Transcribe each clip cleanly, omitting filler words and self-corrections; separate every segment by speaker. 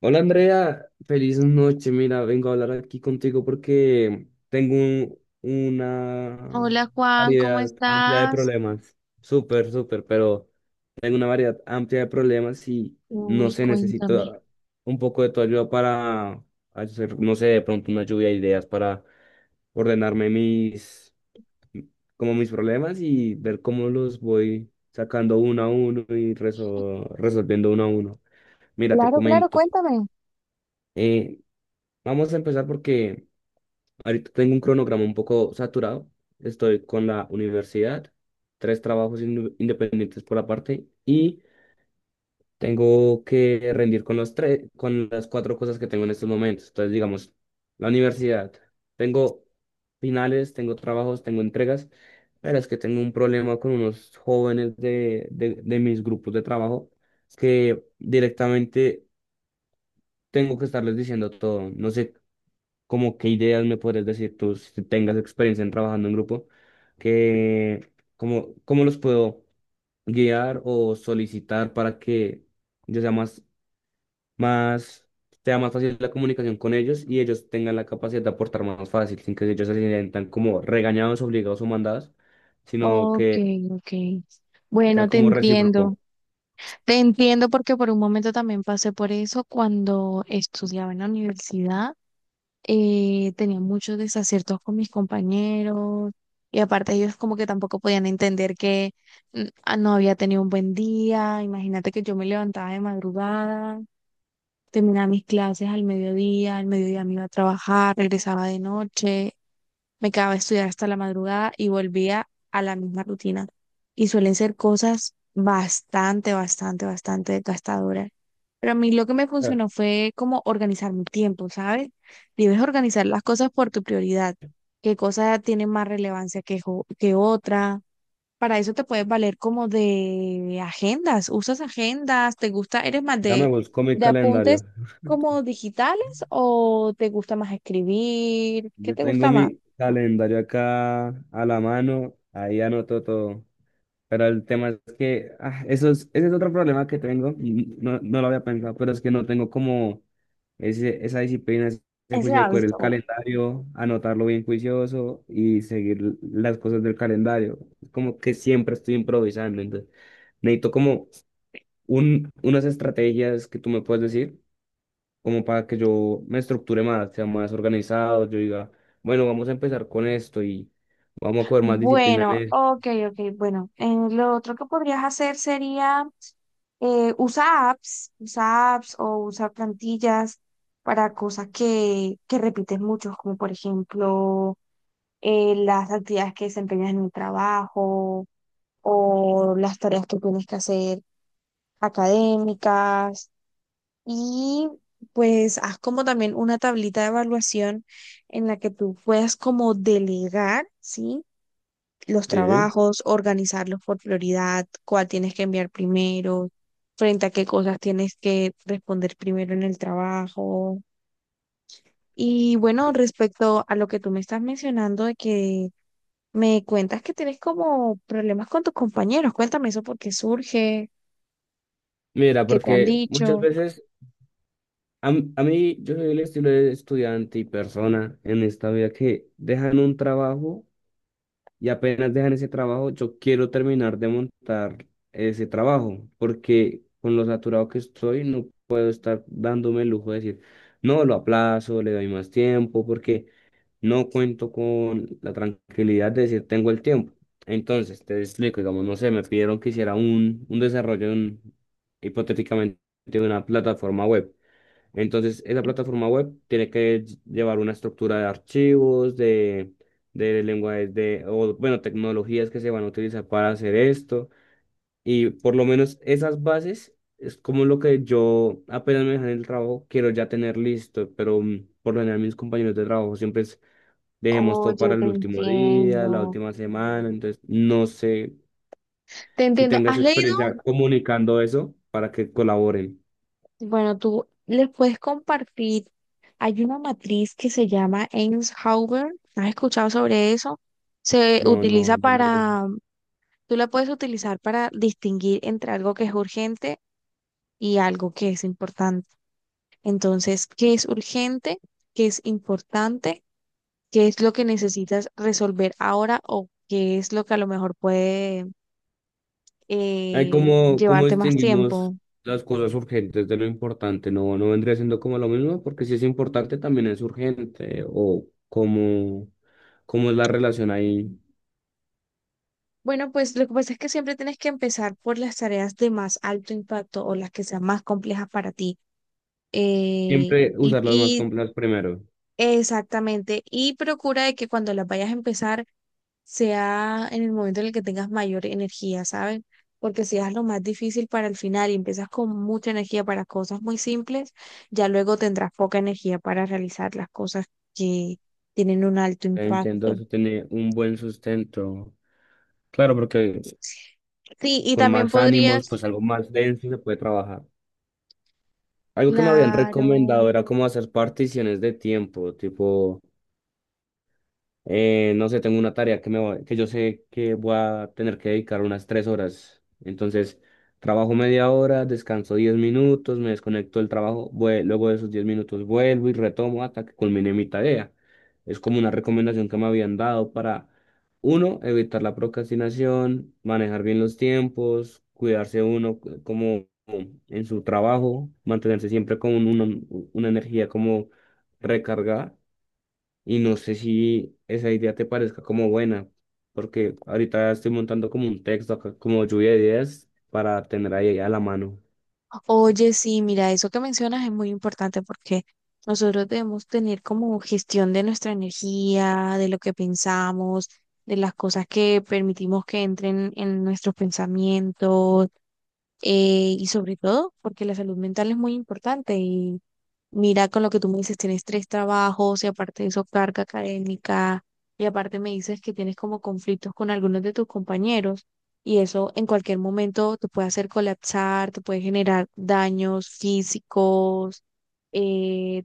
Speaker 1: Hola Andrea, feliz noche. Mira, vengo a hablar aquí contigo porque tengo una
Speaker 2: Hola Juan, ¿cómo
Speaker 1: variedad amplia de
Speaker 2: estás?
Speaker 1: problemas. Súper, súper, pero tengo una variedad amplia de problemas y no
Speaker 2: Uy,
Speaker 1: sé,
Speaker 2: cuéntame.
Speaker 1: necesito un poco de tu ayuda para hacer, no sé, de pronto una lluvia de ideas para ordenarme mis, como mis problemas y ver cómo los voy sacando uno a uno y resolviendo uno a uno. Mira, te
Speaker 2: Claro, claro,
Speaker 1: comento.
Speaker 2: cuéntame.
Speaker 1: Eh, Vamos a empezar porque ahorita tengo un cronograma un poco saturado. Estoy con la universidad, tres trabajos independientes por aparte y tengo que rendir con los tres, con las cuatro cosas que tengo en estos momentos. Entonces, digamos, la universidad, tengo finales, tengo trabajos, tengo entregas, pero es que tengo un problema con unos jóvenes de mis grupos de trabajo que directamente tengo que estarles diciendo todo. No sé como qué ideas me podrías decir tú si tengas experiencia en trabajando en grupo, que cómo los puedo guiar o solicitar para que yo sea más, sea más fácil la comunicación con ellos y ellos tengan la capacidad de aportar más fácil, sin que ellos se sientan como regañados, obligados o mandados, sino
Speaker 2: Ok,
Speaker 1: que
Speaker 2: ok.
Speaker 1: sea
Speaker 2: Bueno, te
Speaker 1: como
Speaker 2: entiendo.
Speaker 1: recíproco.
Speaker 2: Te entiendo porque por un momento también pasé por eso cuando estudiaba en la universidad. Tenía muchos desaciertos con mis compañeros y aparte ellos como que tampoco podían entender que no había tenido un buen día. Imagínate que yo me levantaba de madrugada, terminaba mis clases al mediodía me iba a trabajar, regresaba de noche. Me quedaba a estudiar hasta la madrugada y volvía a la misma rutina. Y suelen ser cosas bastante, bastante, bastante desgastadoras. Pero a mí lo que me
Speaker 1: Eh,
Speaker 2: funcionó fue como organizar mi tiempo, ¿sabes? Debes organizar las cosas por tu prioridad, qué cosa tiene más relevancia que, que otra. Para eso te puedes valer como de agendas, usas agendas, te gusta, eres más
Speaker 1: Dame, busco mi
Speaker 2: de apuntes
Speaker 1: calendario.
Speaker 2: como digitales o te gusta más escribir, ¿qué
Speaker 1: Yo
Speaker 2: te
Speaker 1: tengo
Speaker 2: gusta más?
Speaker 1: mi calendario acá a la mano, ahí anoto todo. Pero el tema es que ese es otro problema que tengo, y no, no lo había pensado, pero es que no tengo como ese, esa disciplina, ese
Speaker 2: Ese
Speaker 1: juicio de coger el
Speaker 2: hábito.
Speaker 1: calendario, anotarlo bien juicioso y seguir las cosas del calendario. Es como que siempre estoy improvisando, entonces necesito como unas estrategias que tú me puedes decir, como para que yo me estructure más, sea más organizado, yo diga, bueno, vamos a empezar con esto y vamos a coger más disciplina
Speaker 2: Bueno,
Speaker 1: en
Speaker 2: ok, ok. Bueno, en lo otro que podrías hacer sería usa apps, o usar plantillas para cosas que repites mucho, como por ejemplo las actividades que desempeñas en el trabajo o las tareas que tienes que hacer académicas. Y pues haz como también una tablita de evaluación en la que tú puedas como delegar, ¿sí? Los
Speaker 1: él.
Speaker 2: trabajos, organizarlos por prioridad, cuál tienes que enviar primero, frente a qué cosas tienes que responder primero en el trabajo. Y bueno, respecto a lo que tú me estás mencionando de que me cuentas que tienes como problemas con tus compañeros, cuéntame eso, por qué surge,
Speaker 1: Mira,
Speaker 2: qué te han
Speaker 1: porque muchas
Speaker 2: dicho.
Speaker 1: veces a mí yo soy el estilo de estudiante y persona en esta vida que dejan un trabajo y apenas dejan ese trabajo, yo quiero terminar de montar ese trabajo, porque con lo saturado que estoy no puedo estar dándome el lujo de decir, no, lo aplazo, le doy más tiempo, porque no cuento con la tranquilidad de decir tengo el tiempo. Entonces, te explico, digamos, no sé, me pidieron que hiciera un desarrollo hipotéticamente de una plataforma web. Entonces, esa plataforma web tiene que llevar una estructura de archivos, de lenguajes, de, o, bueno, tecnologías que se van a utilizar para hacer esto. Y por lo menos esas bases es como lo que yo apenas me dejan el trabajo, quiero ya tener listo, pero por lo general mis compañeros de trabajo siempre dejemos todo
Speaker 2: Oye,
Speaker 1: para el
Speaker 2: te
Speaker 1: último día, la
Speaker 2: entiendo.
Speaker 1: última semana. Entonces, no sé
Speaker 2: Te
Speaker 1: si
Speaker 2: entiendo.
Speaker 1: tengas
Speaker 2: ¿Has leído?
Speaker 1: experiencia comunicando eso para que colaboren.
Speaker 2: Bueno, tú les puedes compartir. Hay una matriz que se llama Eins-Hauber. ¿Has escuchado sobre eso? Se
Speaker 1: No,
Speaker 2: utiliza
Speaker 1: no, no.
Speaker 2: para, tú la puedes utilizar para distinguir entre algo que es urgente y algo que es importante. Entonces, ¿qué es urgente? ¿Qué es importante? ¿Qué es lo que necesitas resolver ahora o qué es lo que a lo mejor puede
Speaker 1: Hay como, cómo
Speaker 2: llevarte más
Speaker 1: distinguimos
Speaker 2: tiempo?
Speaker 1: las cosas urgentes de lo importante. No, no vendría siendo como lo mismo, porque si es importante también es urgente. O cómo cómo es la relación ahí.
Speaker 2: Bueno, pues lo que pasa es que siempre tienes que empezar por las tareas de más alto impacto o las que sean más complejas para ti. Eh,
Speaker 1: Siempre
Speaker 2: y,
Speaker 1: usar las más
Speaker 2: y
Speaker 1: complejas primero.
Speaker 2: exactamente, y procura de que cuando las vayas a empezar sea en el momento en el que tengas mayor energía, ¿saben? Porque si haces lo más difícil para el final y empiezas con mucha energía para cosas muy simples, ya luego tendrás poca energía para realizar las cosas que tienen un alto
Speaker 1: Entiendo,
Speaker 2: impacto.
Speaker 1: eso tiene un buen sustento. Claro, porque
Speaker 2: Sí, y
Speaker 1: con
Speaker 2: también
Speaker 1: más ánimos,
Speaker 2: podrías,
Speaker 1: pues algo más denso se puede trabajar. Algo que me habían recomendado
Speaker 2: claro.
Speaker 1: era como hacer particiones de tiempo, tipo, no sé, tengo una tarea que yo sé que voy a tener que dedicar unas 3 horas. Entonces, trabajo media hora, descanso 10 minutos, me desconecto del trabajo, luego de esos 10 minutos vuelvo y retomo hasta que culmine mi tarea. Es como una recomendación que me habían dado para, uno, evitar la procrastinación, manejar bien los tiempos, cuidarse uno como en su trabajo, mantenerse siempre con una energía como recargada y no sé si esa idea te parezca como buena, porque ahorita estoy montando como un texto acá, como lluvia de ideas para tener ahí a la mano.
Speaker 2: Oye, sí, mira, eso que mencionas es muy importante porque nosotros debemos tener como gestión de nuestra energía, de lo que pensamos, de las cosas que permitimos que entren en nuestros pensamientos, y sobre todo porque la salud mental es muy importante. Mira, con lo que tú me dices, tienes tres trabajos y aparte de eso, carga académica, y aparte me dices que tienes como conflictos con algunos de tus compañeros, y eso en cualquier momento te puede hacer colapsar, te puede generar daños físicos, eh,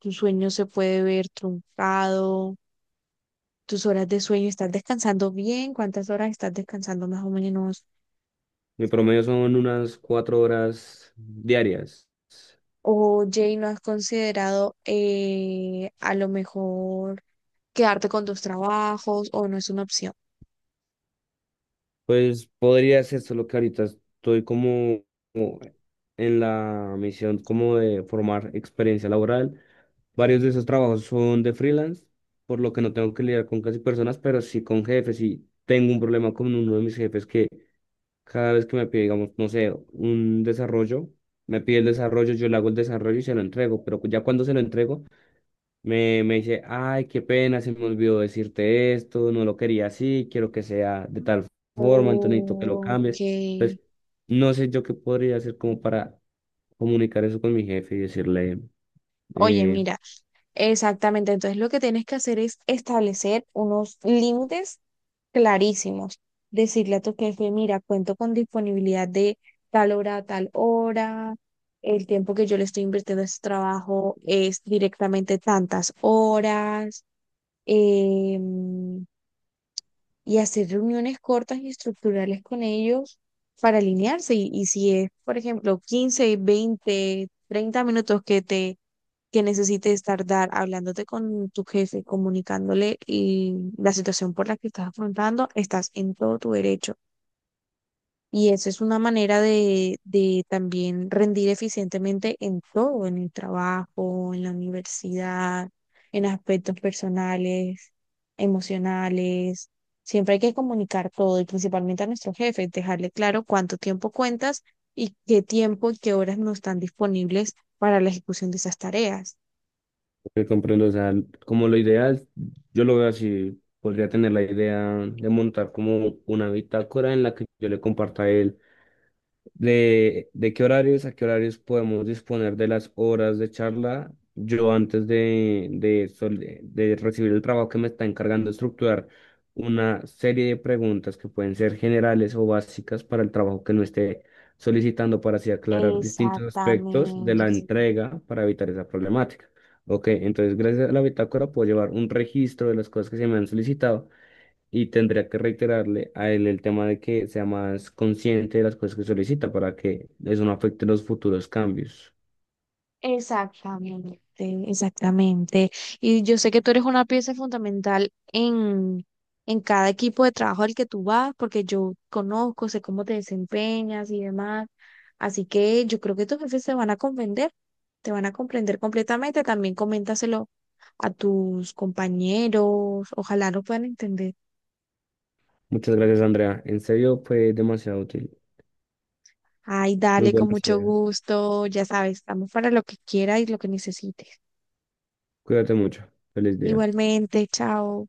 Speaker 2: tu sueño se puede ver truncado, tus horas de sueño, ¿estás descansando bien? ¿Cuántas horas estás descansando más o menos?
Speaker 1: Mi promedio son unas 4 horas diarias.
Speaker 2: Oye, ¿y no has considerado a lo mejor quedarte con tus trabajos o no es una opción?
Speaker 1: Pues podría ser solo que ahorita estoy como en la misión como de formar experiencia laboral. Varios de esos trabajos son de freelance, por lo que no tengo que lidiar con casi personas, pero sí con jefes. Y tengo un problema con uno de mis jefes que cada vez que me pide, digamos, no sé, un desarrollo, me pide el desarrollo, yo le hago el desarrollo y se lo entrego, pero ya cuando se lo entrego, me dice, ay, qué pena, se me olvidó decirte esto, no lo quería así, quiero que sea de tal forma, entonces necesito que lo
Speaker 2: Ok.
Speaker 1: cambies. Entonces, no sé yo qué podría hacer como para comunicar eso con mi jefe y decirle,
Speaker 2: Oye,
Speaker 1: eh,
Speaker 2: mira, exactamente. Entonces lo que tienes que hacer es establecer unos límites clarísimos. Decirle a tu jefe, mira, cuento con disponibilidad de tal hora a tal hora. El tiempo que yo le estoy invirtiendo a este trabajo es directamente tantas horas. Eh, y hacer reuniones cortas y estructurales con ellos para alinearse. Y si es, por ejemplo, 15, 20, 30 minutos que necesites tardar hablándote con tu jefe, comunicándole y la situación por la que estás afrontando, estás en todo tu derecho, y eso es una manera de también rendir eficientemente en todo, en el trabajo, en la universidad, en aspectos personales, emocionales. Siempre hay que comunicar todo y principalmente a nuestro jefe, dejarle claro cuánto tiempo cuentas y qué tiempo y qué horas no están disponibles para la ejecución de esas tareas.
Speaker 1: que comprendo, o sea, como lo ideal, yo lo veo así, podría tener la idea de montar como una bitácora en la que yo le comparta a él. ¿De de, qué horarios a qué horarios podemos disponer de las horas de charla? Yo antes de, sol- de recibir el trabajo que me está encargando de estructurar una serie de preguntas que pueden ser generales o básicas para el trabajo que no esté solicitando para así aclarar distintos aspectos de la
Speaker 2: Exactamente.
Speaker 1: entrega para evitar esa problemática. Ok, entonces gracias a la bitácora puedo llevar un registro de las cosas que se me han solicitado y tendría que reiterarle a él el tema de que sea más consciente de las cosas que solicita para que eso no afecte los futuros cambios.
Speaker 2: Exactamente, exactamente. Y yo sé que tú eres una pieza fundamental en cada equipo de trabajo al que tú vas, porque yo conozco, sé cómo te desempeñas y demás. Así que yo creo que tus jefes se van a comprender, te van a comprender completamente. También coméntaselo a tus compañeros, ojalá lo puedan entender.
Speaker 1: Muchas gracias, Andrea. En serio, fue demasiado útil.
Speaker 2: Ay,
Speaker 1: Muy
Speaker 2: dale, con
Speaker 1: buenas
Speaker 2: mucho
Speaker 1: ideas.
Speaker 2: gusto, ya sabes, estamos para lo que quieras y lo que necesites.
Speaker 1: Cuídate mucho. Feliz día.
Speaker 2: Igualmente, chao.